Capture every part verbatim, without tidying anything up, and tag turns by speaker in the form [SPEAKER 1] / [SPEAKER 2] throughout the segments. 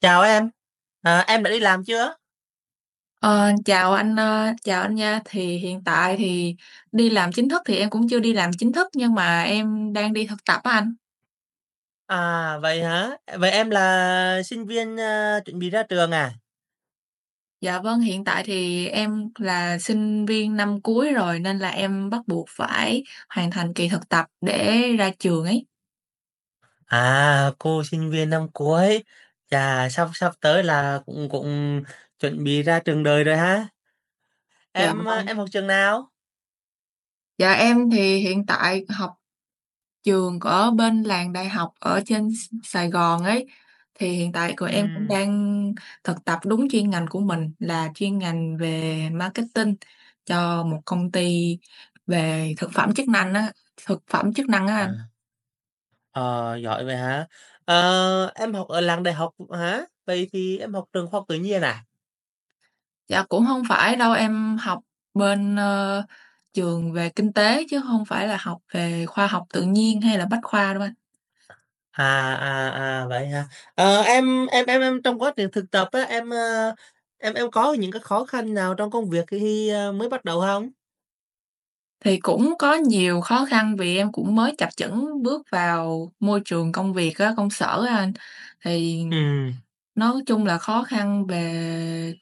[SPEAKER 1] Chào em, à, em đã đi làm chưa?
[SPEAKER 2] Ờ, chào anh, ơ, chào anh nha. Thì hiện tại thì đi làm chính thức thì em cũng chưa đi làm chính thức, nhưng mà em đang đi thực tập á anh.
[SPEAKER 1] À vậy hả? Vậy em là sinh viên à, chuẩn bị ra trường à?
[SPEAKER 2] Dạ vâng, hiện tại thì em là sinh viên năm cuối rồi, nên là em bắt buộc phải hoàn thành kỳ thực tập để ra trường ấy.
[SPEAKER 1] À cô sinh viên năm cuối, chà sắp sắp tới là cũng cũng chuẩn bị ra trường đời rồi ha.
[SPEAKER 2] Dạ,
[SPEAKER 1] Em à,
[SPEAKER 2] vâng.
[SPEAKER 1] em học trường nào?
[SPEAKER 2] Dạ em thì hiện tại học trường ở bên làng đại học ở trên S Sài Gòn ấy, thì hiện tại của
[SPEAKER 1] Ừ.
[SPEAKER 2] em cũng đang thực tập đúng chuyên ngành của mình, là chuyên ngành về marketing cho một công ty về thực phẩm chức năng á, thực phẩm chức năng á anh.
[SPEAKER 1] À, ờ, Giỏi vậy hả? Ờ, em học ở làng đại học hả? Vậy thì em học trường khoa học tự nhiên à?
[SPEAKER 2] Dạ, cũng không phải đâu, em học bên, ơ, trường về kinh tế, chứ không phải là học về khoa học tự nhiên hay là bách khoa đâu anh.
[SPEAKER 1] À, à, à, Vậy hả? Ờ, em em em em trong quá trình thực tập á, em, ơ, em em có những cái khó khăn nào trong công việc khi, ơ, mới bắt đầu không.
[SPEAKER 2] Thì cũng có nhiều khó khăn, vì em cũng mới chập chững bước vào môi trường công việc á, công sở á anh. Thì
[SPEAKER 1] ừ
[SPEAKER 2] nói chung là khó khăn về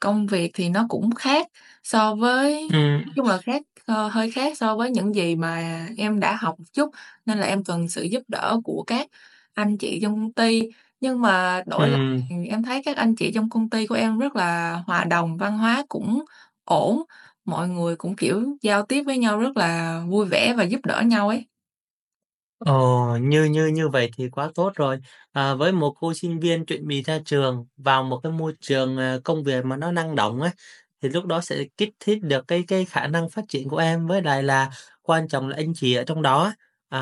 [SPEAKER 2] công việc thì nó cũng khác so với,
[SPEAKER 1] ừ
[SPEAKER 2] nói chung là khác, ờ, hơi khác so với những gì mà em đã học một chút, nên là em cần sự giúp đỡ của các anh chị trong công ty. Nhưng mà đổi lại,
[SPEAKER 1] ừ
[SPEAKER 2] ừm, em thấy các anh chị trong công ty của em rất là hòa đồng, văn hóa cũng ổn. Mọi người cũng, kiểu, giao tiếp với nhau rất là vui vẻ và giúp đỡ nhau ấy.
[SPEAKER 1] Ồ, như như như vậy thì quá tốt rồi. À, với một cô sinh viên chuẩn bị ra trường vào một cái môi trường à, công việc mà nó năng động ấy, thì lúc đó sẽ kích thích được cái cái khả năng phát triển của em. Với lại là quan trọng là anh chị ở trong đó, à,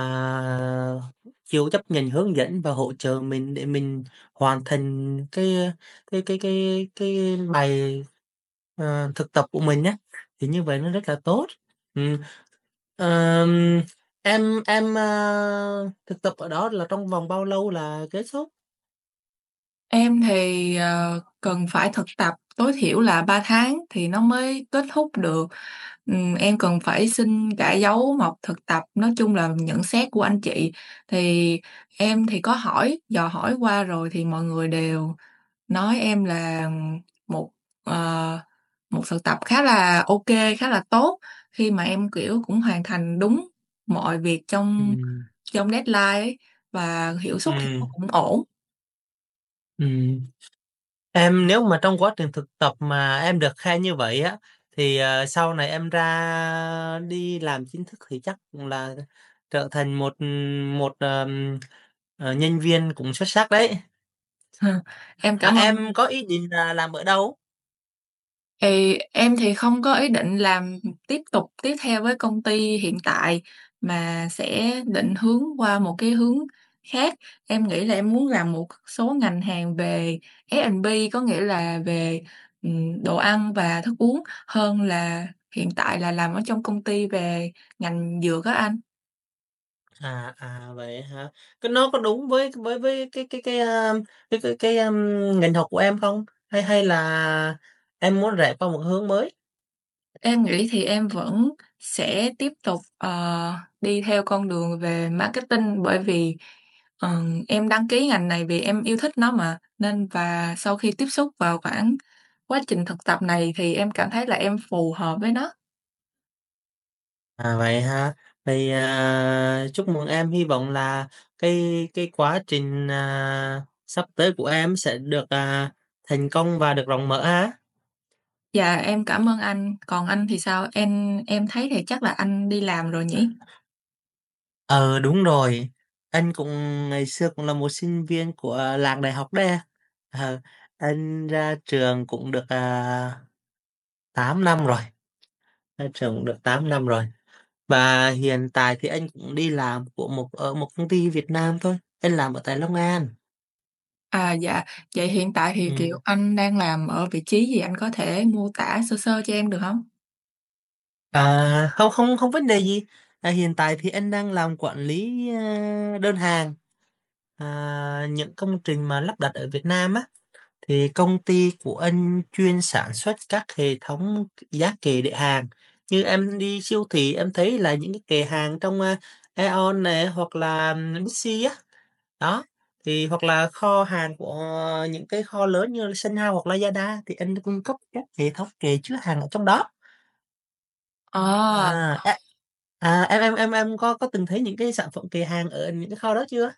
[SPEAKER 1] chịu chấp nhận hướng dẫn và hỗ trợ mình để mình hoàn thành cái cái cái cái cái bài à, thực tập của mình nhé. Thì như vậy nó rất là tốt. Ừ, Ờm, em em, a, thực tập ở đó là trong vòng bao lâu là kết thúc?
[SPEAKER 2] Em thì, ờ, cần phải thực tập tối thiểu là ba tháng thì nó mới kết thúc được. Ừm, em cần phải xin cả dấu mộc thực tập, nói chung là nhận xét của anh chị. Thì em thì có hỏi, dò hỏi qua rồi thì mọi người đều nói em là một, ờ, một thực tập khá là ok, khá là tốt, khi mà em, kiểu, cũng hoàn thành đúng mọi việc trong
[SPEAKER 1] Ừm,
[SPEAKER 2] trong deadline ấy, và hiệu suất thì nó
[SPEAKER 1] ừm,
[SPEAKER 2] cũng ổn.
[SPEAKER 1] ừm. Em nếu mà trong quá trình thực tập mà em được khen như vậy á, thì, ờ, sau này em ra đi làm chính thức thì chắc cũng là trở thành một, một, ờm, ờ, nhân viên cũng xuất sắc đấy.
[SPEAKER 2] Em
[SPEAKER 1] À,
[SPEAKER 2] cảm ơn.
[SPEAKER 1] em có ý định là làm ở đâu?
[SPEAKER 2] Thì em thì không có ý định làm tiếp tục, tiếp theo với công ty hiện tại, mà sẽ định hướng qua một cái hướng khác. Em nghĩ là em muốn làm một số ngành hàng về ép bê, có nghĩa là về, ừm, đồ ăn và thức uống, hơn là hiện tại là làm ở trong công ty về ngành dược á anh.
[SPEAKER 1] À, à, vậy hả? Cái nó có đúng với với với cái cái cái, a, cái cái cái, ưm, ngành học của em không? Hay hay là em muốn rẽ qua một hướng mới?
[SPEAKER 2] Em nghĩ thì em vẫn sẽ tiếp tục, ờ, đi theo con đường về marketing, bởi vì, ừm, em đăng ký ngành này vì em yêu thích nó mà, nên và sau khi tiếp xúc vào khoảng quá trình thực tập này thì em cảm thấy là em phù hợp với nó.
[SPEAKER 1] À, vậy ha. Thì, à, chúc mừng em, hy vọng là cái cái quá trình, à, sắp tới của em sẽ được, à, thành công và được rộng mở ha.
[SPEAKER 2] Dạ, em cảm ơn anh, còn anh thì sao? Em em thấy thì chắc là anh đi làm rồi nhỉ?
[SPEAKER 1] Ờ, đúng rồi. Anh cũng ngày xưa cũng là một sinh viên của làng đại học đây. Ờ, anh ra trường cũng được, à tám năm rồi, ra trường được tám năm rồi. Và hiện tại thì anh cũng đi làm của một ở một công ty Việt Nam thôi, anh làm ở tại Long An.
[SPEAKER 2] À, dạ, vậy hiện tại thì, kiểu,
[SPEAKER 1] Ừm,
[SPEAKER 2] anh đang làm ở vị trí gì? Anh có thể mô tả sơ sơ cho em được không?
[SPEAKER 1] à, không không không vấn đề gì. À, hiện tại thì anh đang làm quản lý, a, đơn hàng, à, những công trình mà lắp đặt ở Việt Nam á, thì công ty của anh chuyên sản xuất các hệ thống giá kệ để hàng. Như em đi siêu thị em thấy là những cái kệ hàng trong, a, Aeon nè, hoặc là Bixi á. Đó, thì hoặc là kho hàng của những cái kho lớn như là Sun House hoặc Lazada thì anh cung cấp các hệ thống kệ chứa hàng ở trong đó.
[SPEAKER 2] Ờ.
[SPEAKER 1] À, Ờ. à, em em em em có có từng thấy những cái sản phẩm kệ hàng ở những cái kho đó chưa?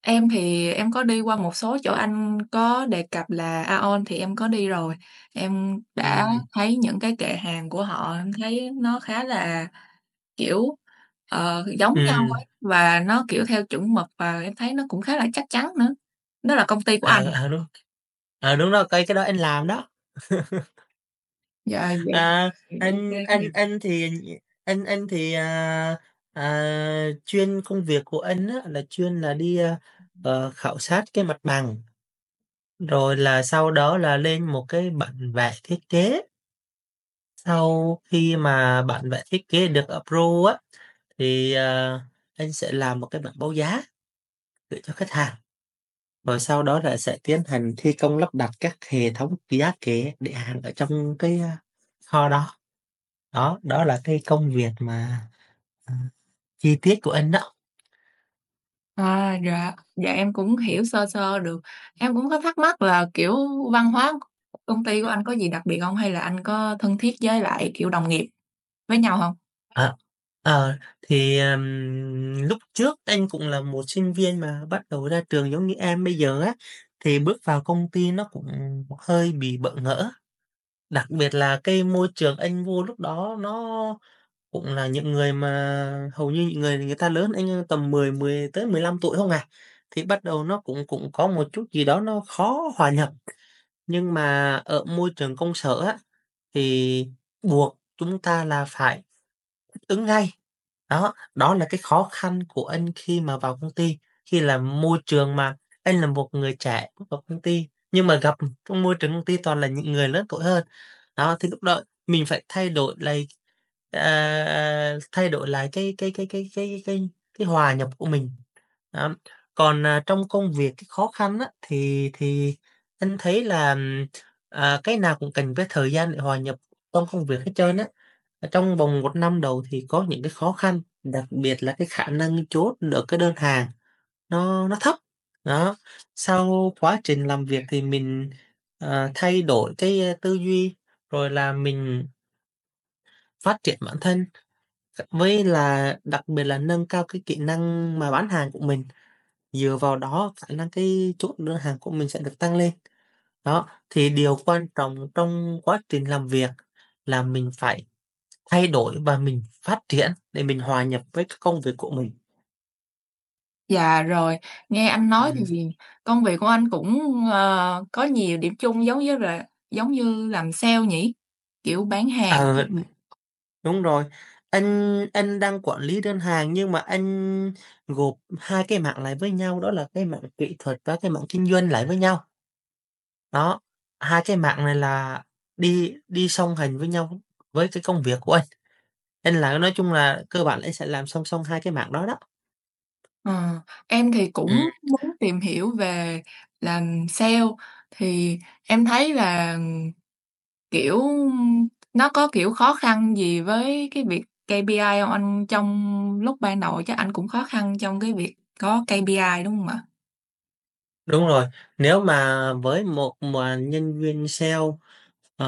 [SPEAKER 2] Em thì em có đi qua một số chỗ anh có đề cập là AEON thì em có đi rồi. Em đã
[SPEAKER 1] Ừ
[SPEAKER 2] thấy những cái kệ hàng của họ, em thấy nó khá là, kiểu, ờ, giống nhau
[SPEAKER 1] ừm,
[SPEAKER 2] ấy, và nó, kiểu, theo chuẩn mực, và em thấy nó cũng khá là chắc chắn nữa. Nó là công ty của anh,
[SPEAKER 1] ờ, ờ, đúng, ờ, đúng rồi, cái cái đó anh làm đó.
[SPEAKER 2] dạ, vậy thì
[SPEAKER 1] À,
[SPEAKER 2] ok kê
[SPEAKER 1] anh
[SPEAKER 2] quá nhỉ.
[SPEAKER 1] anh anh thì anh anh thì, à, à, chuyên công việc của anh á là chuyên là đi, a,
[SPEAKER 2] Ừm.
[SPEAKER 1] ờ, khảo sát cái mặt bằng. Rồi là sau đó là lên một cái bản vẽ thiết kế, sau khi mà bản vẽ thiết kế được approve á, thì, ờ, anh sẽ làm một cái bản báo giá gửi cho khách hàng, rồi sau đó là sẽ tiến hành thi công lắp đặt các hệ thống giá kệ, để hàng ở trong cái, a, kho đó. Đó, đó là cái công việc mà, à, chi tiết của anh đó.
[SPEAKER 2] À, dạ, dạ em cũng
[SPEAKER 1] Ừm,
[SPEAKER 2] hiểu sơ sơ được. Em cũng có thắc mắc là, kiểu, văn hóa công ty của anh có gì đặc biệt không, hay là anh có thân thiết với lại, kiểu, đồng nghiệp với nhau hông?
[SPEAKER 1] ờ. Ờ, thì, ừm, lúc trước anh cũng là một sinh viên mà bắt đầu ra trường giống như em bây giờ á, thì bước vào công ty nó cũng hơi bị bỡ ngỡ. Đặc biệt là cái môi trường anh vô lúc đó nó cũng là những người mà hầu như những người người ta lớn anh tầm mười mười tới mười lăm tuổi không à. Thì bắt đầu nó cũng cũng có một chút gì đó nó khó hòa nhập, nhưng mà ở môi trường công sở á, thì buộc chúng ta là phải ứng ngay. Đó, đó là cái khó khăn của anh khi mà vào công ty, khi là môi trường mà anh là một người trẻ bước vào công ty, nhưng mà gặp trong môi trường công ty toàn là những người lớn tuổi hơn. Đó, thì lúc đó mình phải thay đổi lại, à, à, thay đổi lại cái cái cái cái cái cái cái hòa nhập của mình. Đó. Còn, à, trong công việc cái khó khăn á, thì thì anh thấy là, ừm, à, cái nào cũng cần cái thời gian để hòa nhập trong công việc hết trơn á, trong vòng một năm đầu thì có những cái khó khăn, đặc biệt là cái khả năng chốt được cái đơn hàng nó nó thấp. Đó, sau quá trình làm việc thì mình, ờ, thay đổi cái, ơ, tư duy, rồi là mình phát triển bản thân, với là đặc biệt là nâng cao cái kỹ năng mà bán hàng của mình, dựa vào đó khả năng cái chốt đơn hàng của mình sẽ được tăng lên. Đó, thì điều quan trọng trong quá trình làm việc là mình phải thay đổi và mình phát triển để mình hòa nhập với các công việc của mình.
[SPEAKER 2] Dạ, rồi, nghe anh nói
[SPEAKER 1] Ừm,
[SPEAKER 2] thì công việc của anh cũng, ờ, có nhiều điểm chung, giống với là giống như làm sale nhỉ? Kiểu bán
[SPEAKER 1] ờ,
[SPEAKER 2] hàng.
[SPEAKER 1] đúng rồi. Anh anh đang quản lý đơn hàng nhưng mà anh gộp hai cái mảng lại với nhau, đó là cái mảng kỹ thuật và cái mảng kinh doanh lại với nhau. Đó, hai cái mảng này là đi đi song hành với nhau với cái công việc của anh. Nên là nói chung là cơ bản là anh sẽ làm song song hai cái mảng đó đó.
[SPEAKER 2] Ờ, em thì cũng
[SPEAKER 1] Ừm.
[SPEAKER 2] muốn tìm hiểu về làm sale, thì em thấy là, kiểu, nó có, kiểu, khó khăn gì với cái việc ca pê i hông anh? Trong lúc ban đầu chắc anh cũng khó khăn trong cái việc có ca pê i, đúng hông ạ?
[SPEAKER 1] Đúng rồi, nếu mà với một mà nhân viên sale, ờ,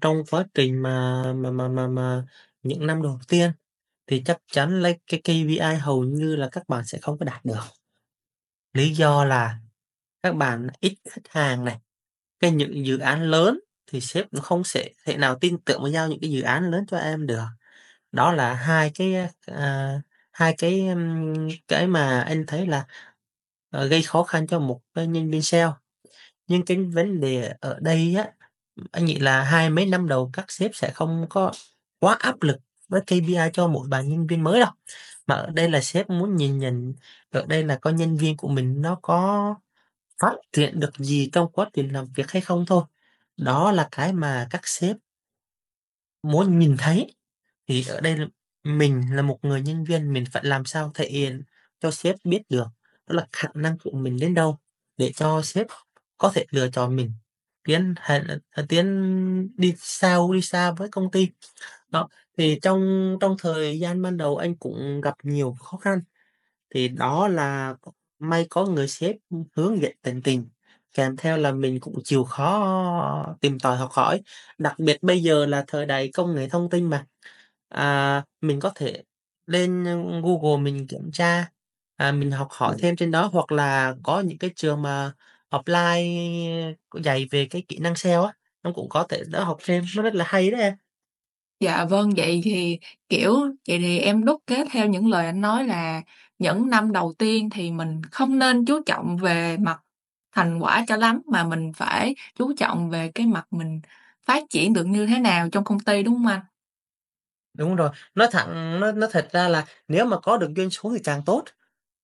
[SPEAKER 1] trong quá trình mà mà mà mà mà những năm đầu tiên thì chắc chắn lấy cái ca pê i hầu như là các bạn sẽ không có đạt được. Lý do là các bạn ít khách hàng này, cái những dự án lớn thì sếp nó không sẽ thể nào tin tưởng mà giao những cái dự án lớn cho em được. Đó là hai cái, à, hai cái, ưm, cái mà anh thấy là, ờ, gây khó khăn cho một cái nhân viên sale. Nhưng cái vấn đề ở đây á, anh nghĩ là hai mấy năm đầu các sếp sẽ không có quá áp lực với ca pê i cho mỗi bạn nhân viên mới đâu. Mà ở đây là sếp muốn nhìn nhận ở đây là coi nhân viên của mình nó có phát triển được gì trong quá trình làm việc hay không thôi. Đó là cái mà các sếp muốn nhìn thấy. Thì ở đây là mình là một người nhân viên, mình phải làm sao thể hiện cho sếp biết được đó là khả năng của mình đến đâu để cho sếp có thể lựa chọn mình tiến hành ờ, tiến đi sâu, đi xa với công ty. Đó, thì trong trong thời gian ban đầu anh cũng gặp nhiều khó khăn, thì đó là may có người sếp, hướng dẫn tận tình, kèm theo là mình cũng chịu khó tìm tòi học hỏi. Đặc biệt bây giờ là thời đại công nghệ thông tin mà. À, mình có thể lên Google mình kiểm tra, à, mình học hỏi Ừm. thêm trên đó, hoặc là có những cái trường mà offline dạy về cái kỹ năng sale á, nó cũng có thể đỡ học thêm, nó rất là hay đấy em.
[SPEAKER 2] Dạ vâng, vậy thì, kiểu, vậy thì em đúc kết theo những lời anh nói là những năm đầu tiên thì mình không nên chú trọng về mặt thành quả cho lắm, mà mình phải chú trọng về cái mặt mình phát triển được như thế nào trong công ty, đúng không anh?
[SPEAKER 1] Đúng rồi, nói thẳng nó nó thật ra là nếu mà có được doanh số thì càng tốt.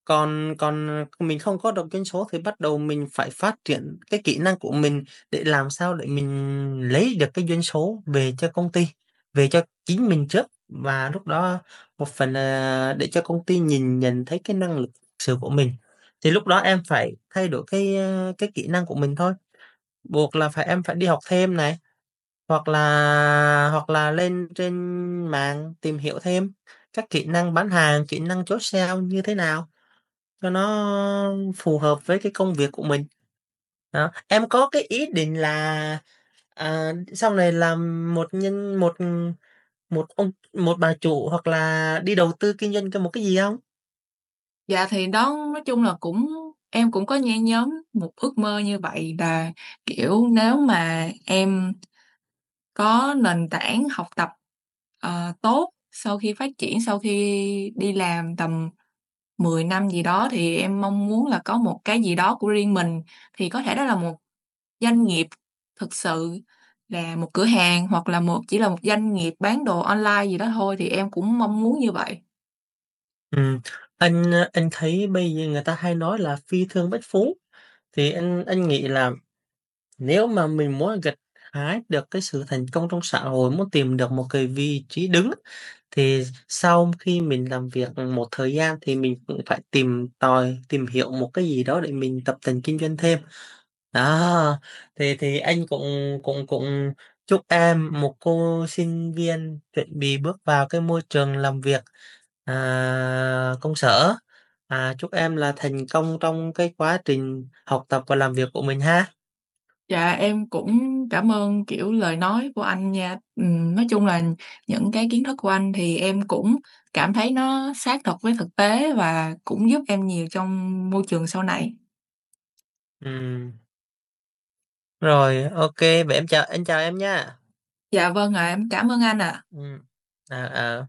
[SPEAKER 1] Còn còn, ờ, Mình không có đọc doanh số thì bắt đầu mình phải phát triển cái kỹ năng của mình để làm sao để mình lấy được cái doanh số về cho công ty, về cho chính mình trước. Và lúc đó một phần là để cho công ty nhìn nhận thấy cái năng lực thực sự của mình. Thì lúc đó em phải thay đổi cái, ơ, cái kỹ năng của mình thôi, buộc là phải em phải đi học thêm này, hoặc là hoặc là lên trên mạng tìm hiểu thêm các kỹ năng bán hàng, kỹ năng chốt sale như thế nào. Cho nó phù hợp với cái công việc của mình. Đó, em có cái ý định là, à, sau này làm một nhân một, một ông một bà chủ hoặc là đi đầu tư kinh doanh cho một cái gì không?
[SPEAKER 2] Dạ, thì đó, nói chung là cũng em cũng có nhen nhóm một ước mơ như vậy là, kiểu, nếu mà em có nền tảng học tập, ờ, tốt sau khi phát triển, sau khi đi làm tầm mười năm gì đó, thì em mong muốn là có một cái gì đó của riêng mình, thì có thể đó là một doanh nghiệp thực sự, là một cửa hàng, hoặc là một, chỉ là một doanh nghiệp bán đồ online gì đó thôi, thì em cũng mong muốn như vậy.
[SPEAKER 1] Ừm, anh, anh thấy bây giờ người ta hay nói là "phi thương bất phú", thì anh anh nghĩ là nếu mà mình muốn gặt hái được cái sự thành công trong xã hội, muốn tìm được một cái vị trí đứng á, thì sau khi mình làm việc một thời gian thì mình cũng phải tìm tòi, tìm hiểu một cái gì đó để mình tập tành kinh doanh thêm. Đó, thì thì anh cũng cũng cũng chúc em, một cô sinh viên chuẩn bị bước vào cái môi trường làm việc, à, công sở, à, chúc em là thành công trong cái quá trình học tập và làm việc của mình ha.
[SPEAKER 2] Dạ, em cũng cảm ơn, kiểu, lời nói của anh nha. Ừm, nói chung là những cái kiến thức của anh thì em cũng cảm thấy nó sát thật với thực tế, và cũng giúp em nhiều trong môi trường sau này.
[SPEAKER 1] Ừm. Rồi, ok. Vậy em chào anh chào em nha.
[SPEAKER 2] Dạ, vâng ạ, em cảm ơn anh ạ.
[SPEAKER 1] Ừ. à, à,